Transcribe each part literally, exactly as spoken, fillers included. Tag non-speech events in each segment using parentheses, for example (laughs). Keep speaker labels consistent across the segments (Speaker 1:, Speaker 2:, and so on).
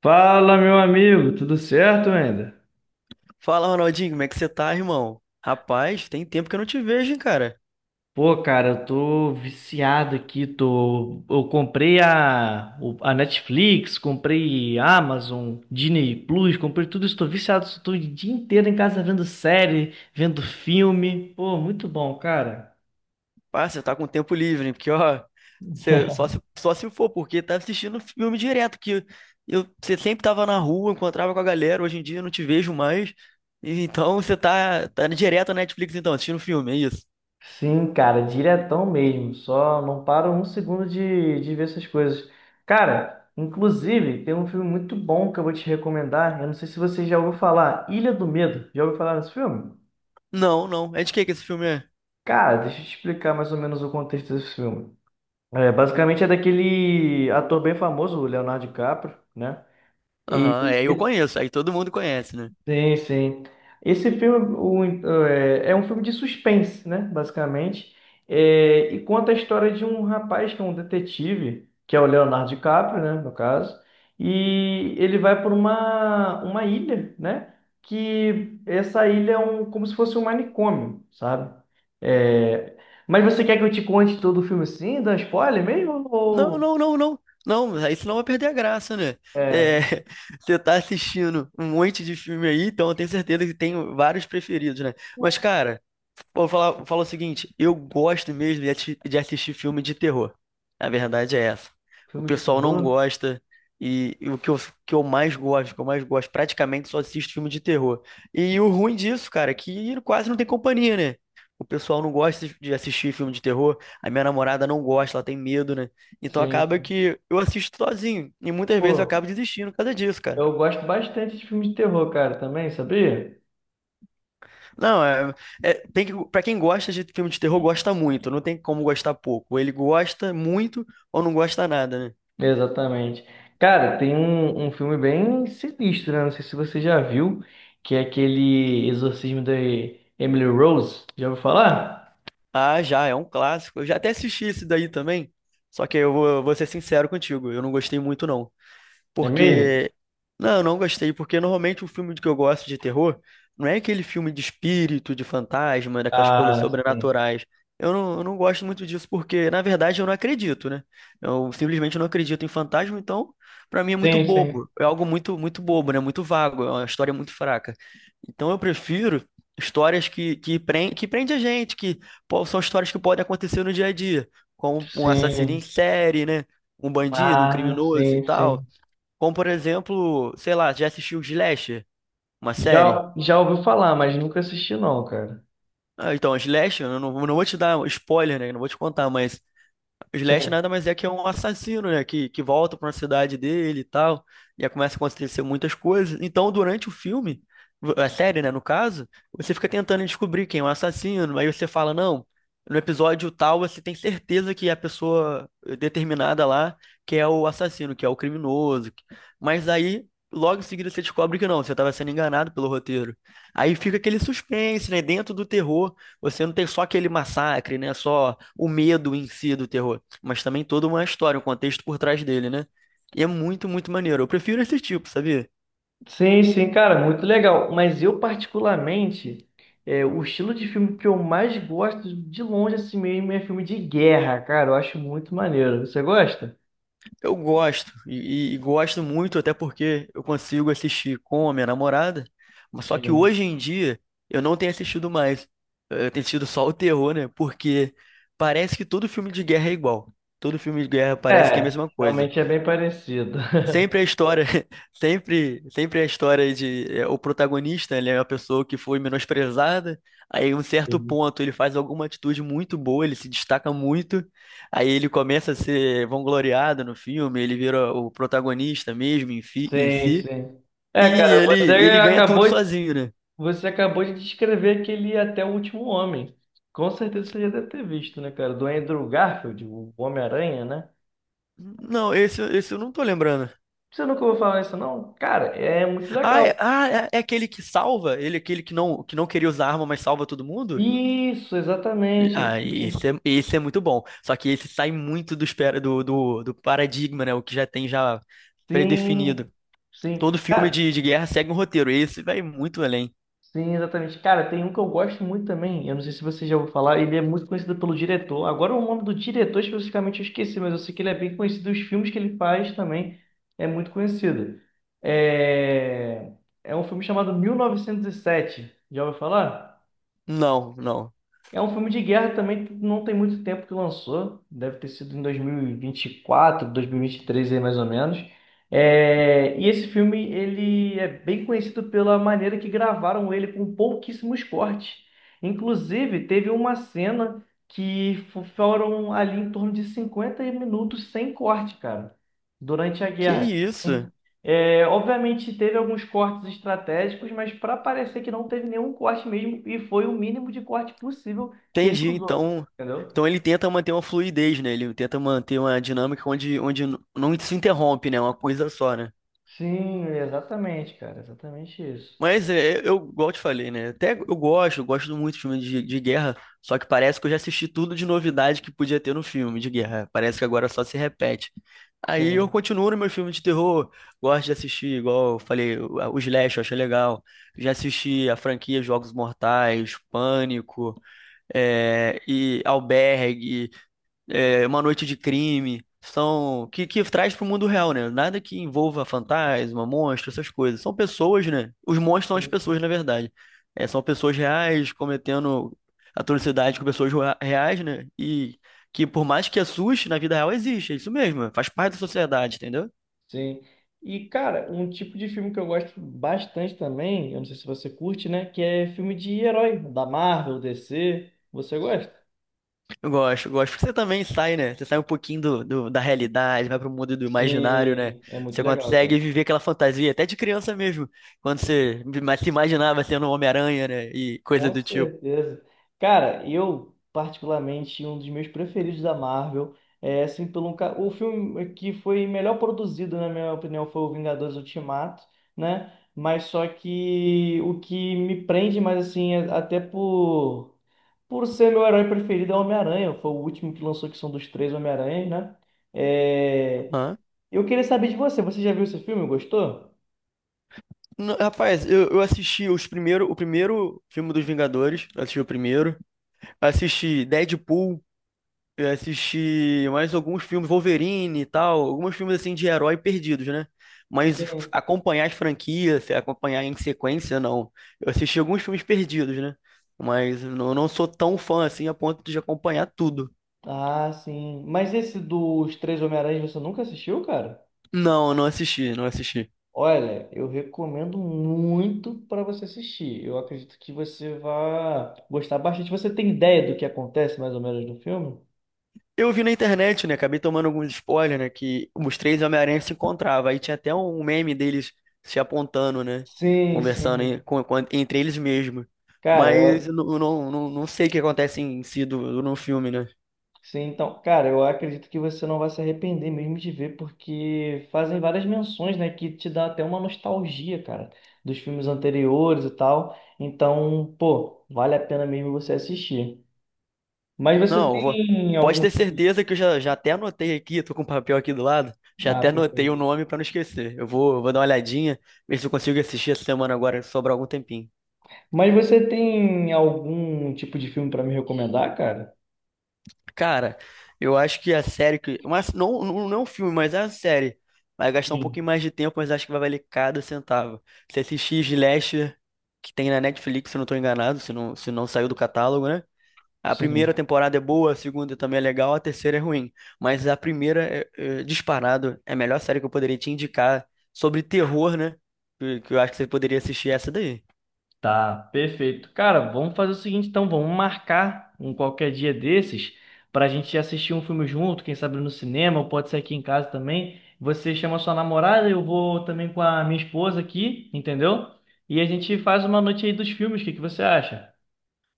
Speaker 1: Fala, meu amigo, tudo certo ainda?
Speaker 2: Fala, Ronaldinho, como é que você tá, irmão? Rapaz, tem tempo que eu não te vejo, hein, cara.
Speaker 1: Pô, cara, eu tô viciado aqui, tô... Eu comprei a, o- a Netflix, comprei Amazon, Disney Plus, comprei tudo isso, tô viciado, tô o dia inteiro em casa vendo série, vendo filme. Pô, muito bom, cara.
Speaker 2: Pá, você tá com tempo livre, hein? Porque, ó, você- só se, só se for, porque tá assistindo filme direto, que eu, você sempre tava na rua, encontrava com a galera, hoje em dia eu não te vejo mais. E Então você tá, tá direto na Netflix, então, assistindo filme, é isso?
Speaker 1: Sim, cara, diretão mesmo. Só não paro um segundo de, de ver essas coisas. Cara, inclusive, tem um filme muito bom que eu vou te recomendar. Eu não sei se você já ouviu falar. Ilha do Medo. Já ouviu falar nesse filme?
Speaker 2: Não, não. É de que que esse filme é?
Speaker 1: Cara, deixa eu te explicar mais ou menos o contexto desse filme. É, basicamente é daquele ator bem famoso, o Leonardo DiCaprio, né? E
Speaker 2: Aham, é, eu conheço, aí todo mundo conhece, né?
Speaker 1: sim, sim. Esse filme o, é, é um filme de suspense, né? Basicamente. É, e conta a história de um rapaz que é um detetive, que é o Leonardo DiCaprio, né? No caso. E ele vai por uma, uma ilha, né? Que essa ilha é um, como se fosse um manicômio, sabe? É, mas você quer que eu te conte todo o filme assim? Dá spoiler mesmo?
Speaker 2: Não,
Speaker 1: Ou
Speaker 2: não, não, não. Não, aí senão vai perder a graça, né?
Speaker 1: é,
Speaker 2: É, (laughs) você tá assistindo um monte de filme aí, então eu tenho certeza que tem vários preferidos, né? Mas, cara, Vou falar, vou falar o seguinte, eu gosto mesmo de, ati- de assistir filme de terror. A verdade é essa. O
Speaker 1: filme de
Speaker 2: pessoal não
Speaker 1: terror?
Speaker 2: gosta e, e o que eu, que eu mais gosto, que eu mais gosto, praticamente só assisto filme de terror. E o ruim disso, cara, é que quase não tem companhia, né? O pessoal não gosta de assistir filme de terror, a minha namorada não gosta, ela tem medo, né? Então
Speaker 1: Sim,
Speaker 2: acaba
Speaker 1: sim.
Speaker 2: que eu assisto sozinho e muitas vezes eu
Speaker 1: Pô.
Speaker 2: acabo desistindo por causa disso, cara.
Speaker 1: Eu gosto bastante de filme de terror, cara, também, sabia?
Speaker 2: Não, é, é- tem que, para quem gosta de filme de terror, gosta muito, não tem como gostar pouco. Ele gosta muito ou não gosta nada, né?
Speaker 1: Exatamente. Cara, tem um, um filme bem sinistro, né? Não sei se você já viu, que é aquele Exorcismo da Emily Rose. Já ouviu falar?
Speaker 2: Ah, já, é um clássico. Eu já até assisti esse daí também, só que eu vou, eu vou ser sincero contigo, eu não gostei muito não.
Speaker 1: É mesmo?
Speaker 2: Porque. Não, eu não gostei, porque normalmente o filme que eu gosto de terror não é aquele filme de espírito, de fantasma, daquelas coisas
Speaker 1: Ah, sim.
Speaker 2: sobrenaturais. Eu não, eu não gosto muito disso, porque, na verdade, eu não acredito, né? Eu simplesmente não acredito em fantasma, então, pra mim é muito
Speaker 1: Sim, sim.
Speaker 2: bobo. É algo muito, muito bobo, né? Muito vago, é uma história muito fraca. Então eu prefiro histórias que, que, prende, que prende a gente, que pô, são histórias que podem acontecer no dia a dia, como um assassino em
Speaker 1: Sim.
Speaker 2: série, né? Um bandido, um
Speaker 1: Ah,
Speaker 2: criminoso e
Speaker 1: sim,
Speaker 2: tal.
Speaker 1: sim.
Speaker 2: Como, por exemplo, sei lá, já assistiu Slasher, uma série?
Speaker 1: Já, já ouviu falar, mas nunca assisti não, cara.
Speaker 2: Ah, então, Slasher, eu não, não vou te dar spoiler, né? Não vou te contar, mas o Slash
Speaker 1: Sim.
Speaker 2: nada mais é que é um assassino, né? Que, que volta pra uma cidade dele e tal. E aí começa a acontecer muitas coisas. Então, durante o filme, a série, né, no caso, você fica tentando descobrir quem é o assassino. Aí você fala, não, no episódio tal você tem certeza que é a pessoa determinada lá que é o assassino, que é o criminoso. Mas aí, logo em seguida, você descobre que não, você estava sendo enganado pelo roteiro. Aí fica aquele suspense, né? Dentro do terror. Você não tem só aquele massacre, né? Só o medo em si do terror, mas também toda uma história, um contexto por trás dele, né? E é muito, muito maneiro. Eu prefiro esse tipo, sabia?
Speaker 1: Sim, sim, cara, muito legal. Mas eu, particularmente, é, o estilo de filme que eu mais gosto, de longe assim mesmo, é filme de guerra, cara. Eu acho muito maneiro. Você gosta?
Speaker 2: Eu gosto, e, e gosto muito, até porque eu consigo assistir com a minha namorada, mas só que
Speaker 1: Sim.
Speaker 2: hoje em dia eu não tenho assistido mais. Eu tenho assistido só o terror, né? Porque parece que todo filme de guerra é igual. Todo filme de guerra parece que é a
Speaker 1: É,
Speaker 2: mesma coisa.
Speaker 1: realmente é bem parecido. (laughs)
Speaker 2: Sempre a história, (laughs) sempre, sempre a história de é, o protagonista, ele é uma pessoa que foi menosprezada, aí em um certo
Speaker 1: Sim,
Speaker 2: ponto ele faz alguma atitude muito boa, ele se destaca muito, aí ele começa a ser vangloriado no filme, ele vira o protagonista mesmo em, fi- em
Speaker 1: sim.
Speaker 2: si,
Speaker 1: Sim. É,
Speaker 2: e
Speaker 1: cara,
Speaker 2: ele,
Speaker 1: você
Speaker 2: ele ganha tudo
Speaker 1: acabou,
Speaker 2: sozinho, né?
Speaker 1: você acabou de descrever aquele Até o Último Homem. Com certeza você já deve ter visto, né, cara? Do Andrew Garfield, o Homem-Aranha, né?
Speaker 2: Não, esse, esse eu não tô lembrando.
Speaker 1: Você nunca ouviu falar isso, não? Cara, é muito
Speaker 2: Ah, é,
Speaker 1: legal.
Speaker 2: ah, é é aquele que salva? Ele é aquele que não, que não queria usar arma, mas salva todo mundo?
Speaker 1: Isso, exatamente.
Speaker 2: Ah, isso é, isso é muito bom. Só que esse sai muito do, espera, do, do, do paradigma, né? O que já tem já predefinido.
Speaker 1: Sim, sim.
Speaker 2: Todo filme
Speaker 1: Cara,
Speaker 2: de, de guerra segue um roteiro. Esse vai muito além.
Speaker 1: sim, exatamente. Cara, tem um que eu gosto muito também. Eu não sei se você já ouviu falar. Ele é muito conhecido pelo diretor. Agora, o nome do diretor especificamente eu esqueci, mas eu sei que ele é bem conhecido. Os filmes que ele faz também é muito conhecido. É, é um filme chamado mil novecentos e sete. Já ouviu falar?
Speaker 2: Não, não.
Speaker 1: É um filme de guerra também, que não tem muito tempo que lançou, deve ter sido em dois dois mil mil e vinte e quatro, dois mil e vinte vinte quatro, e três aí mais ou menos. É, e esse filme ele é bem conhecido pela maneira que gravaram ele com pouquíssimos cortes. Inclusive, teve uma cena que fo- foram ali em torno de cinquenta minutos sem corte, cara, durante a
Speaker 2: Que
Speaker 1: guerra. Então,
Speaker 2: isso?
Speaker 1: é, obviamente teve alguns cortes estratégicos, mas para parecer que não teve nenhum corte mesmo e foi o mínimo de corte possível que ele
Speaker 2: Entendi.
Speaker 1: usou,
Speaker 2: Então,
Speaker 1: entendeu?
Speaker 2: então ele tenta manter uma fluidez, né? Ele tenta manter uma dinâmica onde, onde n- não se interrompe, né? Uma coisa só, né?
Speaker 1: Sim, exatamente, cara, exatamente isso.
Speaker 2: Mas é, eu, igual eu te falei, né? Até eu gosto, eu gosto muito de filme de, de guerra, só que parece que eu já assisti tudo de novidade que podia ter no filme de guerra. Parece que agora só se repete. Aí eu
Speaker 1: Sim,
Speaker 2: continuo no meu filme de terror, gosto de assistir, igual eu falei, o o Slash, eu achei legal. Já assisti a franquia Jogos Mortais, Pânico, é, e Albergue é, Uma Noite de Crime, são que, que traz para o mundo real, né? Nada que envolva fantasma, monstro, essas coisas. São pessoas, né? Os monstros são as
Speaker 1: sim.
Speaker 2: pessoas, na verdade. É, são pessoas reais cometendo atrocidade com pessoas rea- reais, né? E que por mais que assuste, na vida real existe, é isso mesmo, faz parte da sociedade, entendeu?
Speaker 1: Sim. E, cara, um tipo de filme que eu gosto bastante também, eu não sei se você curte, né, que é filme de herói, da Marvel, D C. Você gosta?
Speaker 2: Eu gosto, eu gosto. Porque você também sai, né? Você sai um pouquinho do, do- da realidade, vai pro mundo do imaginário, né?
Speaker 1: Sim, é muito
Speaker 2: Você
Speaker 1: legal,
Speaker 2: consegue
Speaker 1: cara.
Speaker 2: viver aquela fantasia, até de criança mesmo. Quando você ima- se imaginava sendo um Homem-Aranha, né? E coisa
Speaker 1: Com
Speaker 2: do tipo.
Speaker 1: certeza. Cara, eu, particularmente, um dos meus preferidos da Marvel é, assim, pelo um, ca- o filme que foi melhor produzido, na minha opinião, foi o Vingadores Ultimato, né? Mas só que o que me prende mais, assim, é- até por, por ser meu herói preferido é o Homem-Aranha. Foi o último que lançou, que são dos três Homem-Aranhas, né? É,
Speaker 2: Hã?
Speaker 1: eu queria saber de você. Você já viu esse filme? Gostou?
Speaker 2: N- Rapaz, eu, eu assisti os primeiro, o primeiro filme dos Vingadores. Eu Assisti o primeiro. Assisti Deadpool. Eu assisti mais alguns filmes, Wolverine e tal, alguns filmes assim de herói perdidos, né? Mas
Speaker 1: Sim.
Speaker 2: acompanhar as franquias, se acompanhar em sequência, não. Eu assisti alguns filmes perdidos, né? Mas eu não não sou tão fã assim a ponto de acompanhar tudo.
Speaker 1: Ah, sim. Mas esse dos três Homem-Aranhas você nunca assistiu, cara?
Speaker 2: Não, não assisti, não assisti.
Speaker 1: Olha, eu recomendo muito para você assistir. Eu acredito que você vai gostar bastante. Você tem ideia do que acontece mais ou menos no filme?
Speaker 2: Eu vi na internet, né? Acabei tomando alguns spoilers, né? Que os três Homem-Aranha se encontravam. Aí tinha até um meme deles se apontando, né?
Speaker 1: Sim,
Speaker 2: Conversando
Speaker 1: sim.
Speaker 2: em- com- com- entre eles mesmos.
Speaker 1: Cara,
Speaker 2: Mas
Speaker 1: eu,
Speaker 2: eu não, eu não, não, não sei o que acontece em si do, no filme, né?
Speaker 1: sim, então, cara, eu acredito que você não vai se arrepender mesmo de ver, porque fazem várias menções, né, que te dá até uma nostalgia, cara, dos filmes anteriores e tal. Então, pô, vale a pena mesmo você assistir. Mas você
Speaker 2: Não, eu vou...
Speaker 1: tem
Speaker 2: pode
Speaker 1: algum...
Speaker 2: ter certeza que eu já, já até anotei aqui, tô com o papel aqui do lado, já
Speaker 1: Ah,
Speaker 2: até anotei o
Speaker 1: perfeito.
Speaker 2: nome pra não esquecer. Eu vou, eu vou dar uma olhadinha, ver se eu consigo assistir essa semana agora, se sobrar algum tempinho.
Speaker 1: Mas você tem algum tipo de filme para me recomendar, cara?
Speaker 2: Cara, eu acho que a série que. Mas não, não, não é um filme, mas é a série. Vai gastar um pouquinho
Speaker 1: Sim,
Speaker 2: mais de tempo, mas acho que vai valer cada centavo. Se assistir Slasher, que tem na Netflix, se eu não tô enganado, se não, se não saiu do catálogo, né? A primeira
Speaker 1: sim.
Speaker 2: temporada é boa, a segunda também é legal, a terceira é ruim. Mas a primeira, é, é, disparado, é a melhor série que eu poderia te indicar sobre terror, né? Que, que eu acho que você poderia assistir essa daí.
Speaker 1: Tá, perfeito. Cara, vamos fazer o seguinte então, vamos marcar um qualquer dia desses pra gente assistir um filme junto, quem sabe no cinema, ou pode ser aqui em casa também. Você chama sua namorada, eu vou também com a minha esposa aqui, entendeu? E a gente faz uma noite aí dos filmes, o que que você acha?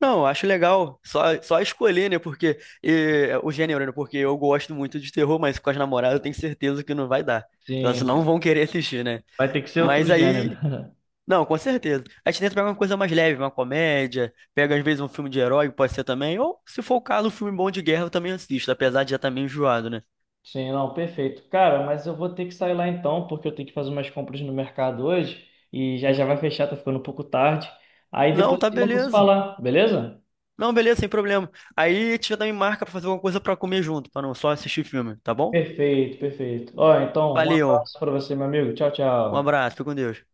Speaker 2: Não, eu acho legal. Só, só escolher, né? Porque eh, o gênero, né? Porque eu gosto muito de terror, mas com as namoradas eu tenho certeza que não vai dar. Que elas
Speaker 1: Sim.
Speaker 2: não vão querer assistir, né?
Speaker 1: Vai ter que ser outro
Speaker 2: Mas
Speaker 1: gênero.
Speaker 2: aí.
Speaker 1: (laughs)
Speaker 2: Não, com certeza. A gente tenta pegar uma coisa mais leve, uma comédia, pega às vezes um filme de herói, pode ser também. Ou, se for o caso, um filme bom de guerra eu também assisto, apesar de já estar meio enjoado, né?
Speaker 1: Sim, não, perfeito. Cara, mas eu vou ter que sair lá então, porque eu tenho que fazer umas compras no mercado hoje e já já vai fechar, tá ficando um pouco tarde. Aí
Speaker 2: Não,
Speaker 1: depois a
Speaker 2: tá
Speaker 1: gente volta a se
Speaker 2: beleza.
Speaker 1: falar, beleza?
Speaker 2: Não, beleza, sem problema. Aí a gente já também marca pra fazer alguma coisa pra comer junto, pra não só assistir filme, tá bom?
Speaker 1: Perfeito, perfeito. Ó, então, um
Speaker 2: Valeu,
Speaker 1: abraço pra você, meu amigo. Tchau,
Speaker 2: um
Speaker 1: tchau.
Speaker 2: abraço, fica com Deus.